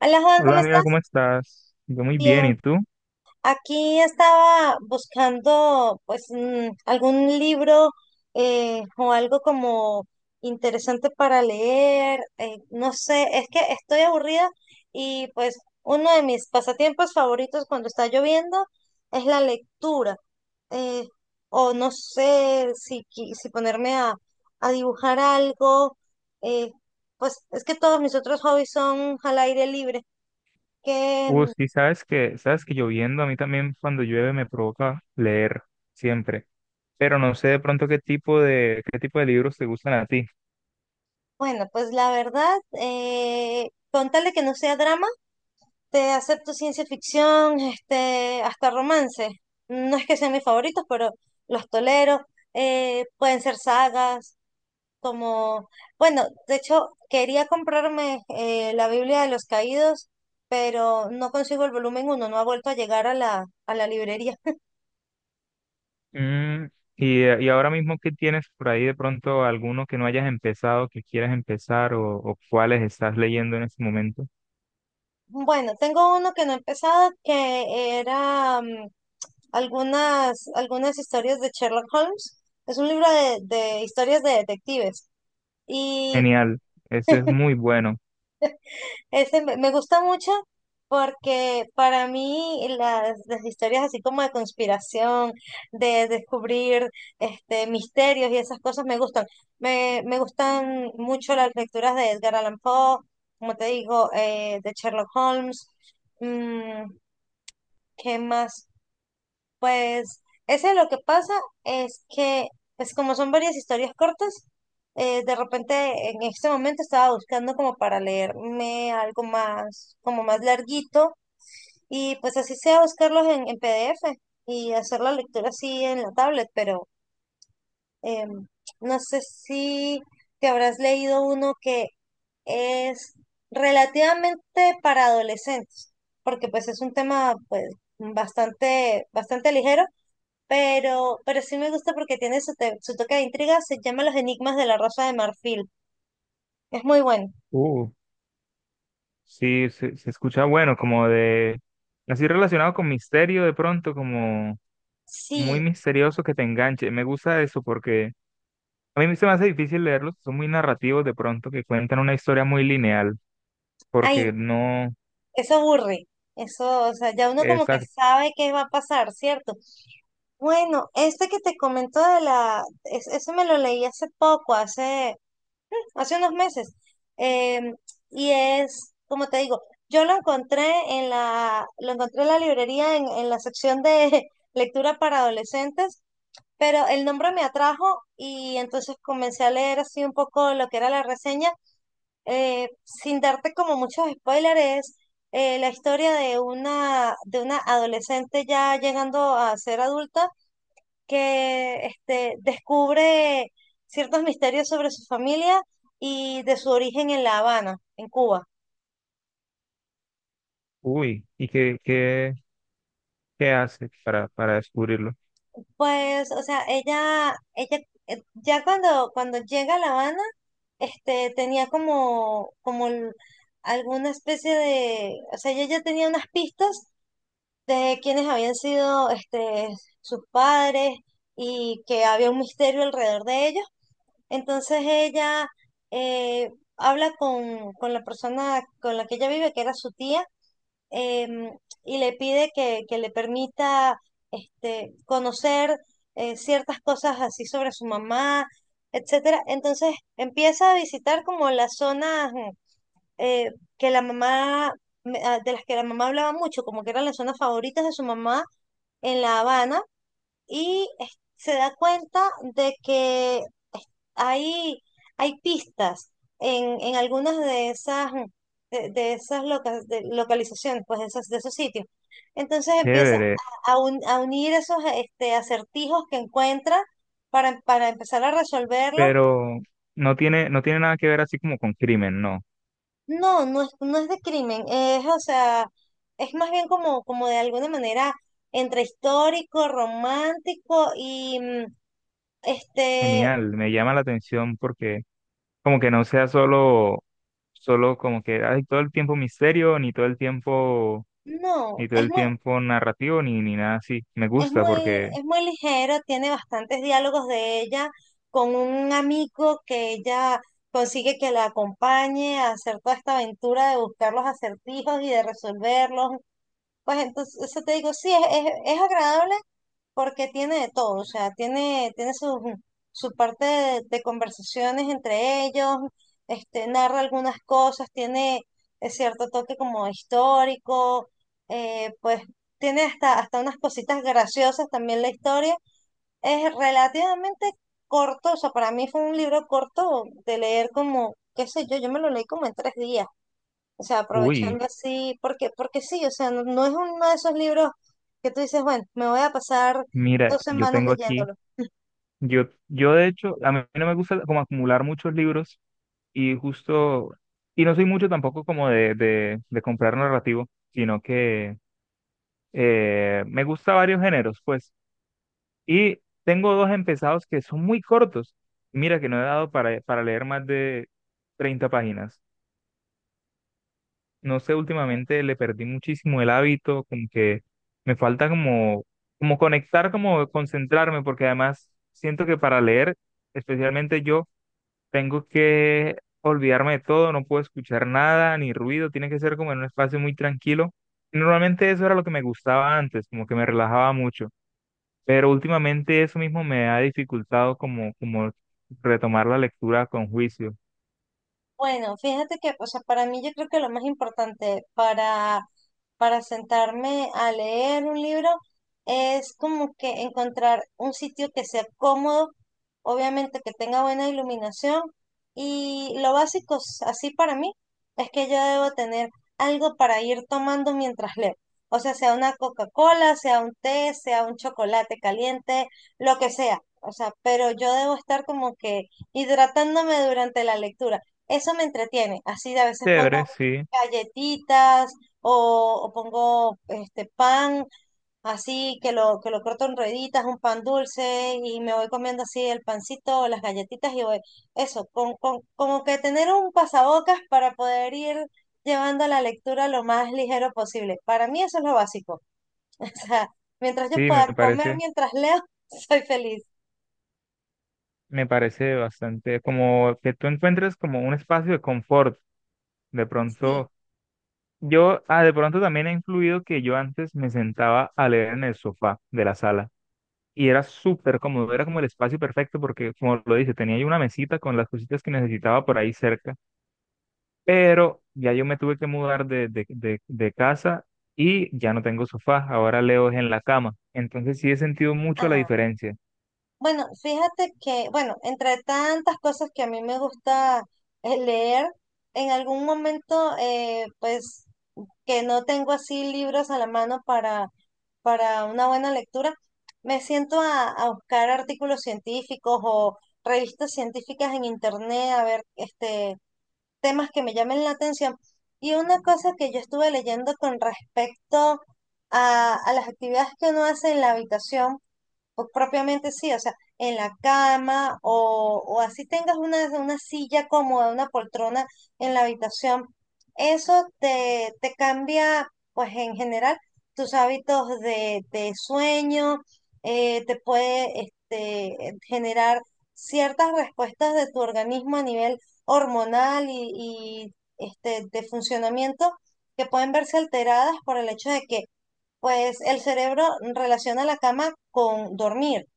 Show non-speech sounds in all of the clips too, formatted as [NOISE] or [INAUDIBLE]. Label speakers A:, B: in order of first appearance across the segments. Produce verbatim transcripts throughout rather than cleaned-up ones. A: Hola Juan,
B: Hola
A: ¿cómo
B: amiga,
A: estás?
B: ¿cómo estás? Yo muy bien,
A: Bien.
B: ¿y tú?
A: Aquí estaba buscando pues mm, algún libro eh, o algo como interesante para leer. Eh, no sé, es que estoy aburrida y pues uno de mis pasatiempos favoritos cuando está lloviendo es la lectura. eh, o no sé si, qui- si ponerme a, a dibujar algo. eh, pues es que todos mis otros hobbies son al aire libre.
B: Uh, sí, sabes que, sabes que lloviendo, a mí también cuando llueve me provoca leer, siempre. Pero no sé de pronto qué tipo de, qué tipo de libros te gustan a ti.
A: Bueno, pues la verdad, eh, con tal de que no sea drama, te acepto ciencia ficción, este, hasta romance. No es que sean mis favoritos, pero los tolero. Eh, pueden ser sagas, como, bueno, de hecho, quería comprarme eh, la Biblia de los Caídos, pero no consigo el volumen uno, no ha vuelto a llegar a la, a la librería.
B: Mm, y, y ahora mismo, ¿qué tienes por ahí de pronto alguno que no hayas empezado, que quieras empezar o, o cuáles estás leyendo en este momento?
A: Bueno, tengo uno que no he empezado, que era mm, algunas, algunas historias de Sherlock Holmes. Es un libro de, de historias de detectives. Y
B: Genial, ese es muy bueno.
A: ese me me gusta mucho porque para mí las, las historias así como de conspiración, de descubrir este, misterios y esas cosas me gustan. Me, me gustan mucho las lecturas de Edgar Allan Poe, como te digo, eh, de Sherlock Holmes. Mm, ¿qué más? Pues ese lo que pasa es que, pues como son varias historias cortas, eh, de repente en este momento estaba buscando como para leerme algo más, como más larguito, y pues así sea buscarlos en, en P D F y hacer la lectura así en la tablet, pero em, no sé si te habrás leído uno que es relativamente para adolescentes, porque pues es un tema pues bastante, bastante ligero pero, pero sí me gusta porque tiene su, te- su toque de intriga, se llama Los Enigmas de la Rosa de Marfil. Es muy bueno.
B: Uh, sí, se, se escucha bueno, como de, así relacionado con misterio de pronto, como muy
A: Sí,
B: misterioso que te enganche. Me gusta eso porque a mí se me hace difícil leerlos, son muy narrativos de pronto, que cuentan una historia muy lineal,
A: ay,
B: porque no
A: eso aburre. Eso, o sea, ya uno como
B: es...
A: que
B: ac-
A: sabe qué va a pasar, ¿cierto? Bueno, este que te comento de la, es- ese me lo leí hace poco, hace, hace unos meses. em, y es, como te digo, yo lo encontré en la, lo encontré en la librería en, en la sección de [LAUGHS] lectura para adolescentes pero el nombre me atrajo y entonces comencé a leer así un poco lo que era la reseña, eh, sin darte como muchos spoilers, es eh, la historia de una, de una adolescente ya llegando a ser adulta que este, descubre ciertos misterios sobre su familia y de su origen en La Habana, en Cuba.
B: Uy, ¿y qué, qué, qué hace para, para descubrirlo?
A: Pues, o sea, ella, ella eh, ya cuando, cuando llega a La Habana, este, tenía como, como el- alguna especie de, o sea, ella ya tenía unas pistas de quiénes habían sido, este, sus padres y que había un misterio alrededor de ellos. Entonces ella eh, habla con, con la persona con la que ella vive, que era su tía, em, y le pide que, que le permita este, conocer eh, ciertas cosas así sobre su mamá, etcétera. Entonces empieza a visitar como las zonas mm, eh, que la mamá, me- ah, de las que la mamá hablaba mucho, como que eran las zonas favoritas de su mamá en La Habana, y es- se da cuenta de que hay, hay pistas en, en algunas de esas, mm, de, de esas loca- de localizaciones, pues de esos, de esos sitios. Entonces empieza
B: Chévere,
A: a, a un- a unir esos este, acertijos que encuentra para, para empezar a resolverlos.
B: pero no tiene, no tiene nada que ver así como con crimen, no.
A: No, no es, no es de crimen, es, o sea, es más bien como, como de alguna manera entre histórico, romántico y mm, este,
B: Genial, me llama la atención porque como que no sea solo, solo como que hay todo el tiempo misterio, ni todo el tiempo
A: no,
B: ni todo
A: es
B: el
A: muy.
B: tiempo narrativo ni, ni nada así. Me
A: Es
B: gusta
A: muy,
B: porque
A: es muy ligero, tiene bastantes diálogos de ella con un amigo que ella consigue que la acompañe a hacer toda esta aventura de buscar los acertijos y de resolverlos. Pues entonces, eso te digo, sí, es, es, es agradable porque tiene de todo, o sea, tiene, tiene su, su parte de, de conversaciones entre ellos, este, narra algunas cosas, tiene eh, cierto toque como histórico, eh, pues tiene hasta, hasta unas cositas graciosas también la historia. Es relativamente corto, o sea, para mí fue un libro corto de leer como, qué sé yo, yo me lo leí como en tres días. O sea,
B: uy,
A: aprovechando así, porque, porque sí, o sea, no, no es uno de esos libros que tú dices, bueno, me voy a pasar
B: mira,
A: dos
B: yo
A: semanas
B: tengo aquí,
A: leyéndolo.
B: yo, yo de hecho, a mí no me gusta como acumular muchos libros y justo, y no soy mucho tampoco como de, de, de comprar narrativo, sino que eh, me gusta varios géneros, pues, y tengo dos empezados que son muy cortos. Mira que no he dado para, para leer más de treinta páginas. No sé, últimamente le perdí muchísimo el hábito, como que me falta como, como conectar, como concentrarme, porque además siento que para leer, especialmente yo, tengo que olvidarme de todo, no puedo escuchar nada, ni ruido, tiene que ser como en un espacio muy tranquilo. Y normalmente eso era lo que me gustaba antes, como que me relajaba mucho, pero últimamente eso mismo me ha dificultado como, como retomar la lectura con juicio.
A: Bueno, fíjate que, o sea, para mí yo creo que lo más importante para para sentarme a leer un libro es como que encontrar un sitio que sea cómodo, obviamente que tenga buena iluminación y lo básico s- así para mí es que yo debo tener algo para ir tomando mientras leo. O sea, sea una Coca-Cola, sea un té, sea un chocolate caliente, lo que sea. O sea, pero yo debo estar como que hidratándome durante la lectura. Eso me entretiene. Así a veces
B: Chévere,
A: pongo
B: sí,
A: galletitas o, o pongo este pan así que lo, que lo corto en rueditas, un pan dulce y me voy comiendo así el pancito, las galletitas y voy, eso, con, con- como que tener un pasabocas para poder ir llevando la lectura lo más ligero posible. Para mí eso es lo básico. [LAUGHS] O sea, mientras yo
B: sí, me
A: pueda comer
B: parece.
A: mientras leo, [LAUGHS] soy feliz.
B: Me parece bastante como que tú encuentres como un espacio de confort. De
A: Sí.
B: pronto, yo, ah, de pronto también ha influido que yo antes me sentaba a leer en el sofá de la sala y era súper cómodo, era como el espacio perfecto porque, como lo dice, tenía yo una mesita con las cositas que necesitaba por ahí cerca, pero ya yo me tuve que mudar de, de, de, de casa y ya no tengo sofá, ahora leo es en la cama. Entonces sí he sentido mucho la
A: Ah,
B: diferencia.
A: bueno, fíjate que, bueno, entre tantas cosas que a mí me gusta eh, leer, en algún momento, eh, pues que no tengo así libros a la mano para, para una buena lectura, me siento a, a buscar artículos científicos o revistas científicas en internet, a ver este, temas que me llamen la atención. Y una cosa que yo estuve leyendo con respecto a, a las actividades que uno hace en la habitación, pues propiamente sí, o sea, en la cama o, o así tengas una, una silla cómoda, una poltrona en la habitación, eso te, te cambia, pues en general, tus hábitos de, de sueño, eh, te puede este, generar ciertas respuestas de tu organismo a nivel hormonal y, y, este, de funcionamiento que pueden verse alteradas por el hecho de que pues el cerebro relaciona la cama con dormir,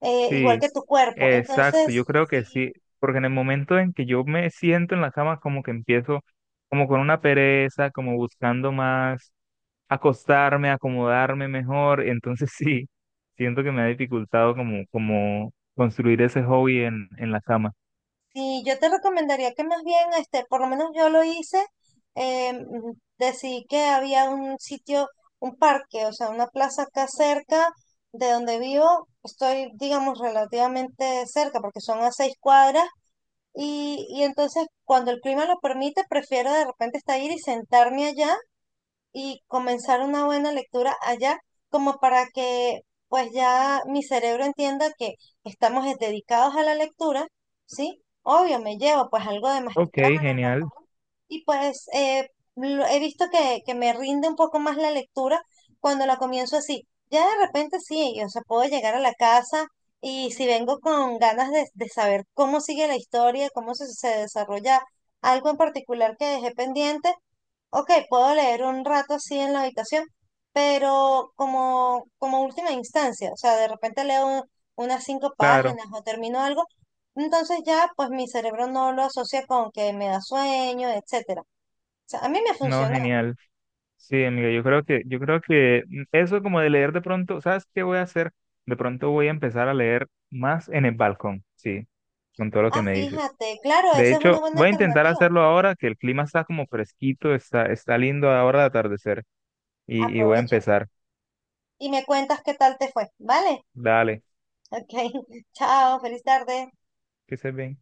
A: eh, igual
B: Sí,
A: que tu cuerpo.
B: exacto, yo
A: Entonces,
B: creo que
A: si,
B: sí, porque en el momento en que yo me siento en la cama, como que empiezo como con una pereza, como buscando más acostarme, acomodarme mejor, entonces [LAUGHS] sí, siento que me ha dificultado como, como construir ese hobby en, en la cama.
A: si yo te recomendaría que más bien, este, por lo menos yo lo hice, eh, mm, decidí que había un sitio, un parque, o sea, una plaza acá cerca de donde vivo. Estoy, digamos, relativamente cerca porque son a seis cuadras. Y, y entonces, cuando el clima lo permite, prefiero de repente estar ir y sentarme allá y comenzar una buena lectura allá, como para que pues ya mi cerebro entienda que estamos es- dedicados a la lectura, ¿sí? Obvio, me llevo pues algo de
B: Ok,
A: masticar, algo de
B: genial,
A: comer, y pues eh, lo- he visto que, que me rinde un poco más la lectura cuando la comienzo así. Ya de repente sí, yo, o sea, puedo llegar a la casa y si vengo con ganas de, de saber cómo sigue la historia, cómo se, se desarrolla algo en particular que dejé pendiente, ok, puedo leer un rato así en la habitación, pero como, como última instancia, o sea, de repente leo unas cinco
B: claro,
A: páginas o termino algo, entonces ya pues mi cerebro no lo asocia con que me da sueño, etcétera. O sea, a mí me
B: no,
A: funciona.
B: genial. Sí, amiga, yo creo que, yo creo que eso como de leer de pronto, ¿sabes qué voy a hacer? De pronto voy a empezar a leer más en el balcón, sí, con todo lo que
A: Ah,
B: me dices.
A: fíjate, claro,
B: De
A: esa es una
B: hecho,
A: buena
B: voy a intentar
A: alternativa.
B: hacerlo ahora que el clima está como fresquito, está, está lindo ahora de atardecer. Y, y voy a
A: Aprovecha
B: empezar.
A: y me cuentas qué tal te fue, ¿vale?
B: Dale,
A: [LAUGHS] Ok, [LAUGHS] chao, feliz tarde.
B: que se bien.